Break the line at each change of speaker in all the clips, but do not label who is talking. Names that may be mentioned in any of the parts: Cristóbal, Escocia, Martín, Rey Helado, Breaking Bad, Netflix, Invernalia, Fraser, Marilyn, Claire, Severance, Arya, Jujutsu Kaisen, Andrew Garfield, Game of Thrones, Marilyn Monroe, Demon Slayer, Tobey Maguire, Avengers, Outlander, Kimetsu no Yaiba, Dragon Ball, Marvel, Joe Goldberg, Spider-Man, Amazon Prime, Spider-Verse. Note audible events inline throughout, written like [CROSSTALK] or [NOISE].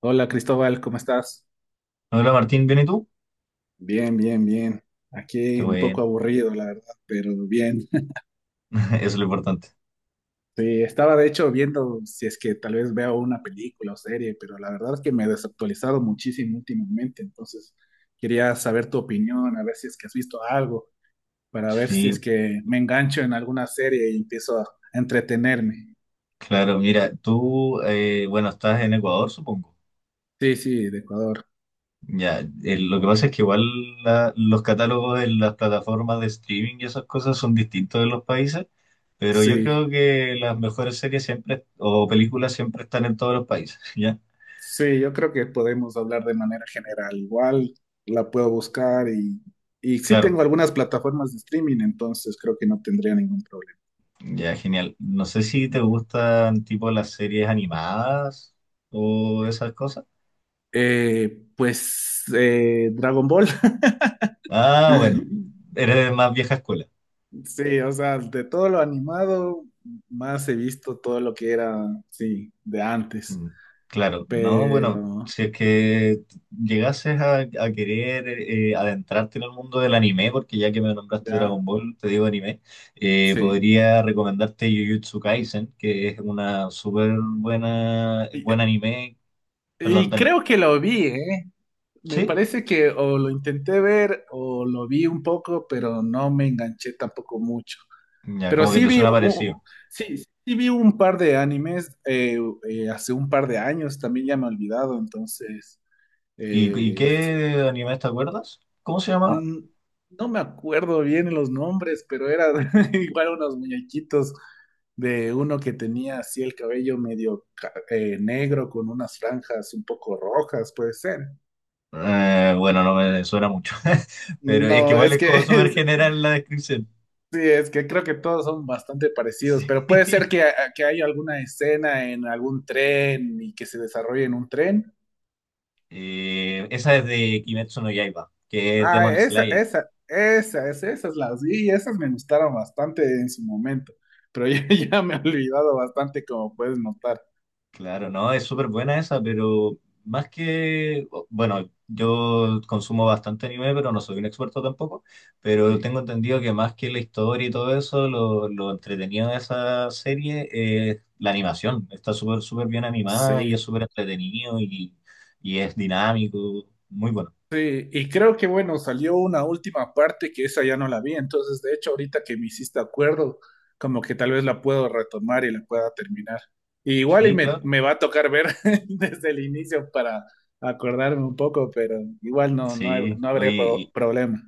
Hola Cristóbal, ¿cómo estás?
Hola Martín, ¿bien y tú?
Bien, bien, bien.
Qué
Aquí un poco
bueno,
aburrido, la verdad, pero bien. [LAUGHS]
[LAUGHS] eso es lo importante.
Sí, estaba de hecho viendo si es que tal vez veo una película o serie, pero la verdad es que me he desactualizado muchísimo últimamente, entonces quería saber tu opinión, a ver si es que has visto algo, para ver si es
Sí,
que me engancho en alguna serie y empiezo a entretenerme.
claro, mira, tú, estás en Ecuador, supongo.
Sí, sí, de Ecuador.
Ya, lo que pasa es que igual los catálogos en las plataformas de streaming y esas cosas son distintos de los países, pero yo
Sí.
creo que las mejores series siempre, o películas siempre están en todos los países, [LAUGHS] ¿ya?
Sí, yo creo que podemos hablar de manera general. Igual la puedo buscar y sí
Claro,
tengo algunas plataformas de streaming, entonces creo que no tendría ningún problema.
ya, genial. No sé si te gustan tipo las series animadas o esas cosas.
Dragon Ball.
Ah, bueno,
[LAUGHS]
eres de más vieja escuela.
Sí, o sea, de todo lo animado, más he visto todo lo que era, sí, de antes.
Mm, claro, no, bueno,
Pero
si es que llegases a querer adentrarte en el mundo del anime, porque ya que me nombraste
ya,
Dragon Ball, te digo anime,
sí.
podría recomendarte Jujutsu Kaisen, que es una súper buena,
Y,
buen anime, perdón,
y
dale.
creo que lo vi, Me
¿Sí?
parece que o lo intenté ver o lo vi un poco, pero no me enganché tampoco mucho.
Ya,
Pero
como que
sí
te
vi,
suena parecido.
sí, sí vi un par de animes hace un par de años, también ya me he olvidado, entonces
Y
sí.
qué anime te acuerdas? ¿Cómo se llamaba?
Mm, no me acuerdo bien los nombres, pero era [LAUGHS] igual unos muñequitos de uno que tenía así el cabello medio negro con unas franjas un poco rojas, puede ser.
Bueno, no me suena mucho, [LAUGHS] pero es que
No,
igual
es
es
que
como súper
[LAUGHS]
general la descripción.
sí, es que creo que todos son bastante
[LAUGHS]
parecidos, pero puede ser
Sí.
que, ah, que haya alguna escena en algún tren y que se desarrolle en un tren.
Esa es de Kimetsu no Yaiba, que es
Ah,
Demon
esa,
Slayer.
esa, esa, esa, esas las vi y esas me gustaron bastante en su momento, pero [LAUGHS] ya, ya me he olvidado bastante como puedes notar.
Claro, no, es súper buena esa, pero más que, bueno, yo consumo bastante anime, pero no soy un experto tampoco, pero
Sí,
tengo entendido que más que la historia y todo eso, lo entretenido de esa serie es la animación. Está súper, súper bien animada y es
sí.
súper entretenido y es dinámico, muy bueno.
Sí, y creo que bueno, salió una última parte que esa ya no la vi, entonces de hecho ahorita que me hiciste acuerdo, como que tal vez la puedo retomar y la pueda terminar. Y igual y
Sí,
me,
claro.
me va a tocar ver [LAUGHS] desde el inicio para acordarme un poco, pero igual no, no,
Sí,
no habría
oye,
problema.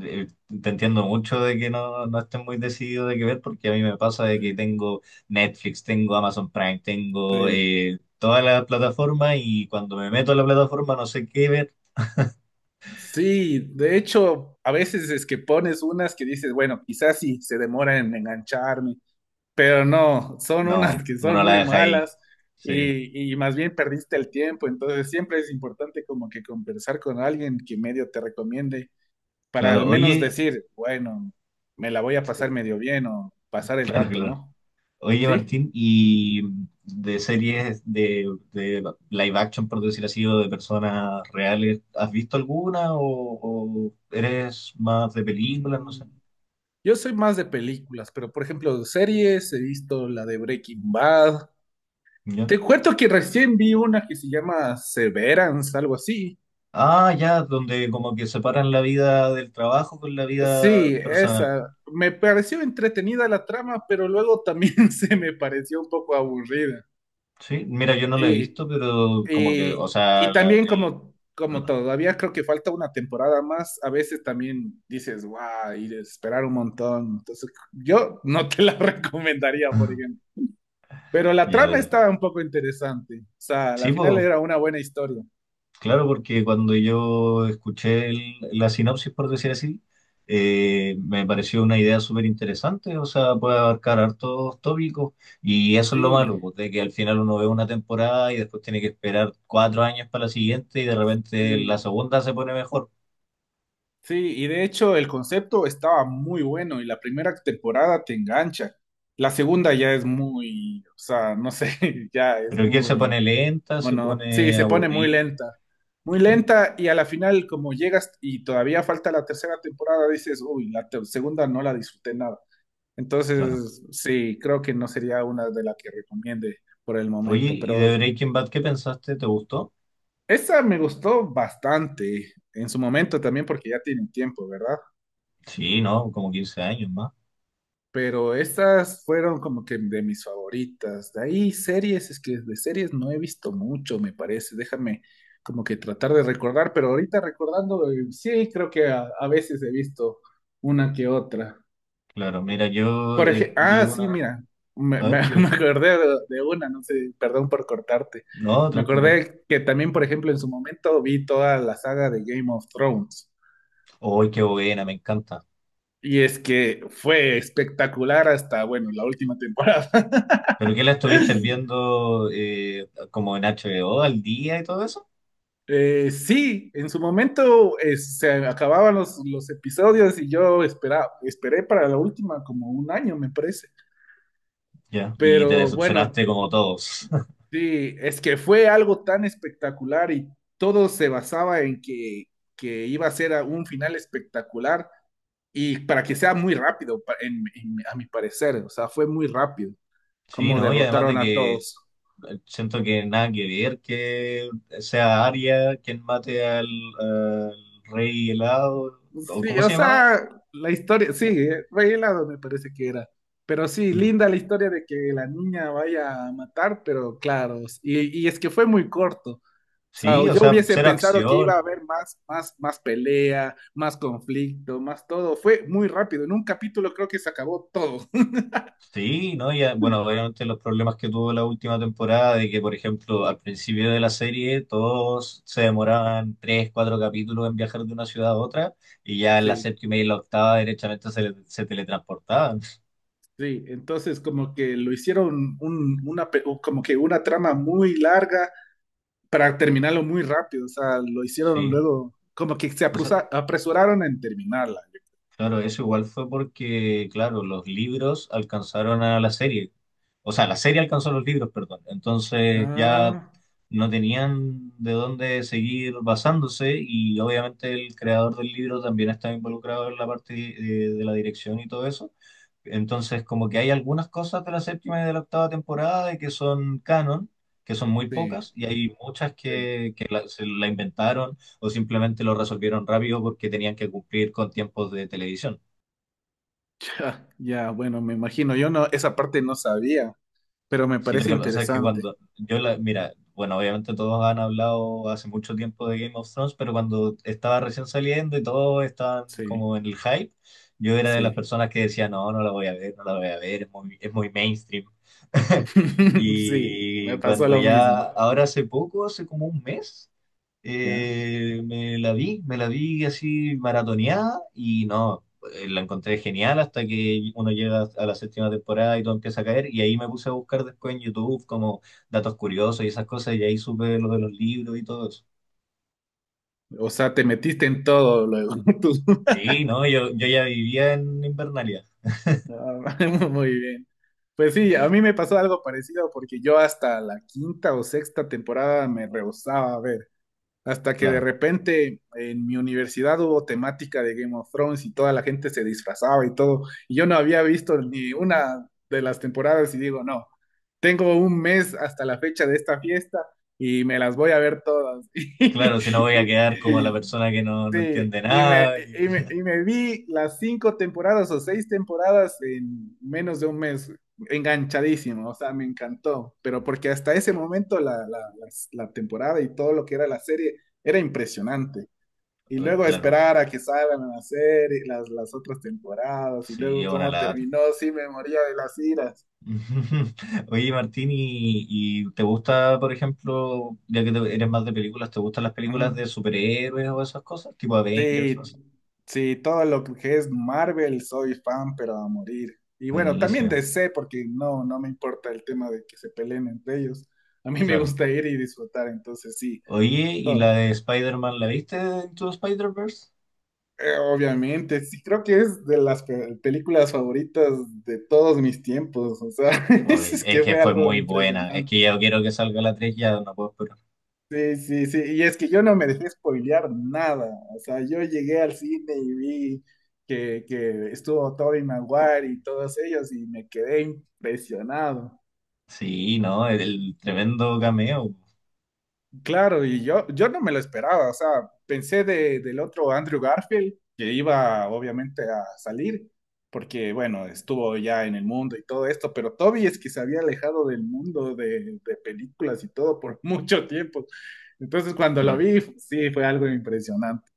eh, te entiendo mucho de que no, no estés muy decidido de qué ver, porque a mí me pasa de
Sí,
que tengo Netflix, tengo Amazon Prime, tengo
sí.
todas las plataformas y cuando me meto a la plataforma no sé qué ver.
Sí, de hecho, a veces es que pones unas que dices, bueno, quizás sí se demora en engancharme, pero no, son unas
No,
que son
uno la
muy
deja ahí.
malas
Sí,
y más bien perdiste el tiempo, entonces siempre es importante como que conversar con alguien que medio te recomiende para al
claro.
menos
Oye,
decir, bueno, me la voy a pasar
[LAUGHS]
medio bien o pasar el
claro,
rato,
claro.
¿no?
Oye,
Sí.
Martín, y de series de live action, por decir así, o de personas reales, ¿has visto alguna o eres más de películas? No sé.
Mm, yo soy más de películas, pero por ejemplo, series, he visto la de Breaking Bad. Te cuento que recién vi una que se llama Severance, algo así.
Ah, ya, donde como que separan la vida del trabajo con la vida
Sí,
personal.
esa. Me pareció entretenida la trama, pero luego también [LAUGHS] se me pareció un poco aburrida.
Sí, mira, yo no la he
Y,
visto, pero como que, o sea,
y también
el...
como, como
Perdón.
todavía creo que falta una temporada más, a veces también dices, wow, y de esperar un montón. Entonces, yo no te la [LAUGHS] recomendaría, por ejemplo.
[LAUGHS]
Pero la
Ya,
trama estaba
perfecto.
un poco interesante. O sea, la
Sí,
final
pues
era una buena historia.
claro, porque cuando yo escuché la sinopsis, por decir así, me pareció una idea súper interesante, o sea, puede abarcar hartos tópicos y eso es lo
Sí,
malo, pues, de que al final uno ve una temporada y después tiene que esperar 4 años para la siguiente y de repente la
sí.
segunda se pone mejor.
Sí, y de hecho el concepto estaba muy bueno y la primera temporada te engancha. La segunda ya es muy, o sea, no sé, [LAUGHS] ya es
Pero que se
muy,
pone lenta, se
bueno, sí,
pone
se pone muy
aburrida.
lenta. Muy
Eh,
lenta y a la final como llegas y todavía falta la tercera temporada, dices, uy, la segunda no la disfruté nada.
Claro.
Entonces, sí, creo que no sería una de las que recomiende por el
Oye,
momento,
¿y
pero
de Breaking Bad qué pensaste? ¿Te gustó?
esa me gustó bastante en su momento también porque ya tiene tiempo, ¿verdad?
Sí, ¿no? Como 15 años más.
Pero estas fueron como que de mis favoritas. De ahí series, es que de series no he visto mucho, me parece. Déjame como que tratar de recordar, pero ahorita recordando, sí, creo que a veces he visto una que otra.
Claro, mira, yo
Por ejemplo,
vi
ah, sí,
una...
mira,
A ver,
[LAUGHS] me
dime.
acordé de una, no sé, perdón por cortarte.
No,
Me
tranqui, tranqui.
acordé que también, por ejemplo, en su momento vi toda la saga de Game of Thrones.
¡Ay, qué buena! Me encanta.
Y es que fue espectacular hasta, bueno, la última temporada.
¿Pero qué la estuviste
[LAUGHS]
viendo como en HBO al día y todo eso?
Sí, en su momento se acababan los episodios y yo esperaba, esperé para la última como un año, me parece.
Ya. Y te
Pero bueno,
decepcionaste como todos. [LAUGHS]
sí, es que fue algo tan espectacular y todo se basaba en que iba a ser a un final espectacular y para que sea muy rápido, en, a mi parecer, o sea, fue muy rápido
Sí,
como
¿no? Y además
derrotaron
de
a
que
todos.
siento que nada que ver que sea Arya quien mate al, al rey helado, o
Sí,
¿cómo
o
se llamaba?
sea, la historia, sí, Rey Helado me parece que era. Pero sí,
Mm.
linda la historia de que la niña vaya a matar, pero claro, y es que fue muy corto. O sea,
Sí, o
yo
sea,
hubiese
cero
pensado que iba a
acción.
haber más, más, más pelea, más conflicto, más todo. Fue muy rápido. En un capítulo creo que se acabó todo. [LAUGHS]
Sí, ¿no? Ya bueno, obviamente los problemas que tuvo la última temporada, de que, por ejemplo, al principio de la serie todos se demoraban 3, 4 capítulos en viajar de una ciudad a otra, y ya en la
Sí,
séptima y la octava derechamente se, se teletransportaban. [LAUGHS]
sí. Entonces como que lo hicieron una, como que una trama muy larga para terminarlo muy rápido, o sea, lo hicieron
Sí.
luego, como que se
O sea,
apresuraron en terminarla.
claro, eso igual fue porque, claro, los libros alcanzaron a la serie. O sea, la serie alcanzó a los libros, perdón. Entonces ya
Ah,
no tenían de dónde seguir basándose y obviamente el creador del libro también está involucrado en la parte de la dirección y todo eso. Entonces, como que hay algunas cosas de la séptima y de la octava temporada de que son canon, que son muy
sí,
pocas, y hay muchas
sí. [LAUGHS]
que se la inventaron o simplemente lo resolvieron rápido porque tenían que cumplir con tiempos de televisión.
Ya, ya, bueno, me imagino, yo no, esa parte no sabía, pero me
Sí, lo
parece
que pasa es que
interesante.
cuando yo la, mira, bueno, obviamente todos han hablado hace mucho tiempo de Game of Thrones, pero cuando estaba recién saliendo y todos estaban
Sí,
como en el hype, yo era de las
sí.
personas que decía, no, no la voy a ver, no la voy a ver, es muy mainstream. [LAUGHS]
[LAUGHS] Sí, me
Y
pasó
cuando
lo
ya,
mismo,
ahora hace poco, hace como un mes,
¿ya?
me la vi así maratoneada y no, la encontré genial hasta que uno llega a la séptima temporada y todo empieza a caer. Y ahí me puse a buscar después en YouTube como datos curiosos y esas cosas. Y ahí supe lo de los libros y todo eso.
O sea, te metiste en todo luego. [LAUGHS] tú.
Sí, no, yo ya vivía en Invernalia.
Ah, [LAUGHS] muy bien. Pues sí, a mí me pasó algo parecido porque yo hasta la quinta o sexta temporada me rehusaba a ver. Hasta que de
Claro,
repente en mi universidad hubo temática de Game of Thrones y toda la gente se disfrazaba y todo. Y yo no había visto ni una de las temporadas y digo, no, tengo un mes hasta la fecha de esta fiesta y me las voy a ver todas. [LAUGHS]
claro, si no voy a quedar como la
Y,
persona que no, no entiende
sí,
nada.
y me vi las cinco temporadas o seis temporadas en menos de un mes, enganchadísimo, o sea, me encantó, pero porque hasta ese momento la temporada y todo lo que era la serie era impresionante. Y
[LAUGHS]
luego
Claro,
esperar a que salgan la serie, las otras temporadas, y
sí,
luego
es una
cómo
lata.
terminó, sí me moría de las iras.
[LAUGHS] Oye, Martín, y te gusta, por ejemplo, ya que eres más de películas, ¿te gustan las películas
Ujú.
de superhéroes o esas cosas? Tipo Avengers, no
Sí,
sé.
sí, todo lo que es Marvel soy fan, pero a morir. Y bueno, también
Buenísimo,
DC porque no, no me importa el tema de que se peleen entre ellos. A mí me
claro.
gusta ir y disfrutar, entonces sí,
Oye, ¿y la
todo.
de Spider-Man la viste en tu Spider-Verse?
Obviamente, sí, creo que es de las películas favoritas de todos mis tiempos. O sea, [LAUGHS]
Oye,
es
es
que
que
fue
fue
algo
muy buena. Es que
impresionante.
ya quiero que salga la tres, ya no puedo esperar.
Sí, sí, sí. Y es que yo no me dejé spoilear nada. O sea, yo llegué al cine y vi que estuvo Tobey Maguire y todos ellos y me quedé impresionado.
Sí, ¿no? El tremendo cameo,
Claro, y yo no me lo esperaba. O sea, pensé del otro Andrew Garfield que iba obviamente a salir porque, bueno, estuvo ya en el mundo y todo esto, pero Tobey es que se había alejado del mundo de películas y todo por [LAUGHS] mucho tiempo. Entonces, cuando lo
claro.
vi, sí, fue algo impresionante.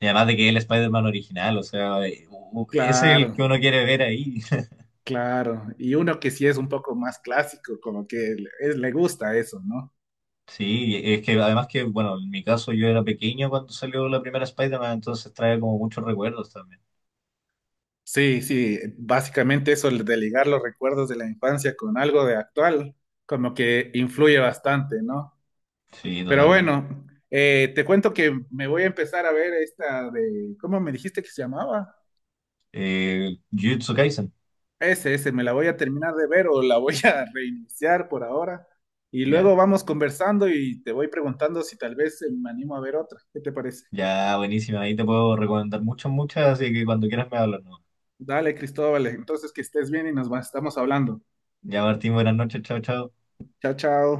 Y además de que es el Spider-Man original, o sea, es
Claro,
el que uno quiere ver ahí. [LAUGHS]
claro. Y uno que sí es un poco más clásico, como que es, le gusta eso, ¿no?
Sí, es que además que, bueno, en mi caso yo era pequeño cuando salió la primera Spider-Man, entonces trae como muchos recuerdos también.
Sí, sí, básicamente eso de ligar los recuerdos de la infancia con algo de actual, como que influye bastante, ¿no?
Sí,
Pero
totalmente.
bueno, te cuento que me voy a empezar a ver esta de, ¿cómo me dijiste que se llamaba?
Jujutsu Kaisen,
Ese, me la voy a terminar de ver o la voy a [LAUGHS] reiniciar por ahora. Y
ya,
luego vamos conversando y te voy preguntando si tal vez me animo a ver otra. ¿Qué te parece?
ya, buenísima. Ahí te puedo recomendar muchas, muchas, así que cuando quieras me hablas, ¿no?
Dale, Cristóbal. Entonces, que estés bien y estamos hablando.
Ya, Martín, buenas noches, chao, chao.
Chao, chao.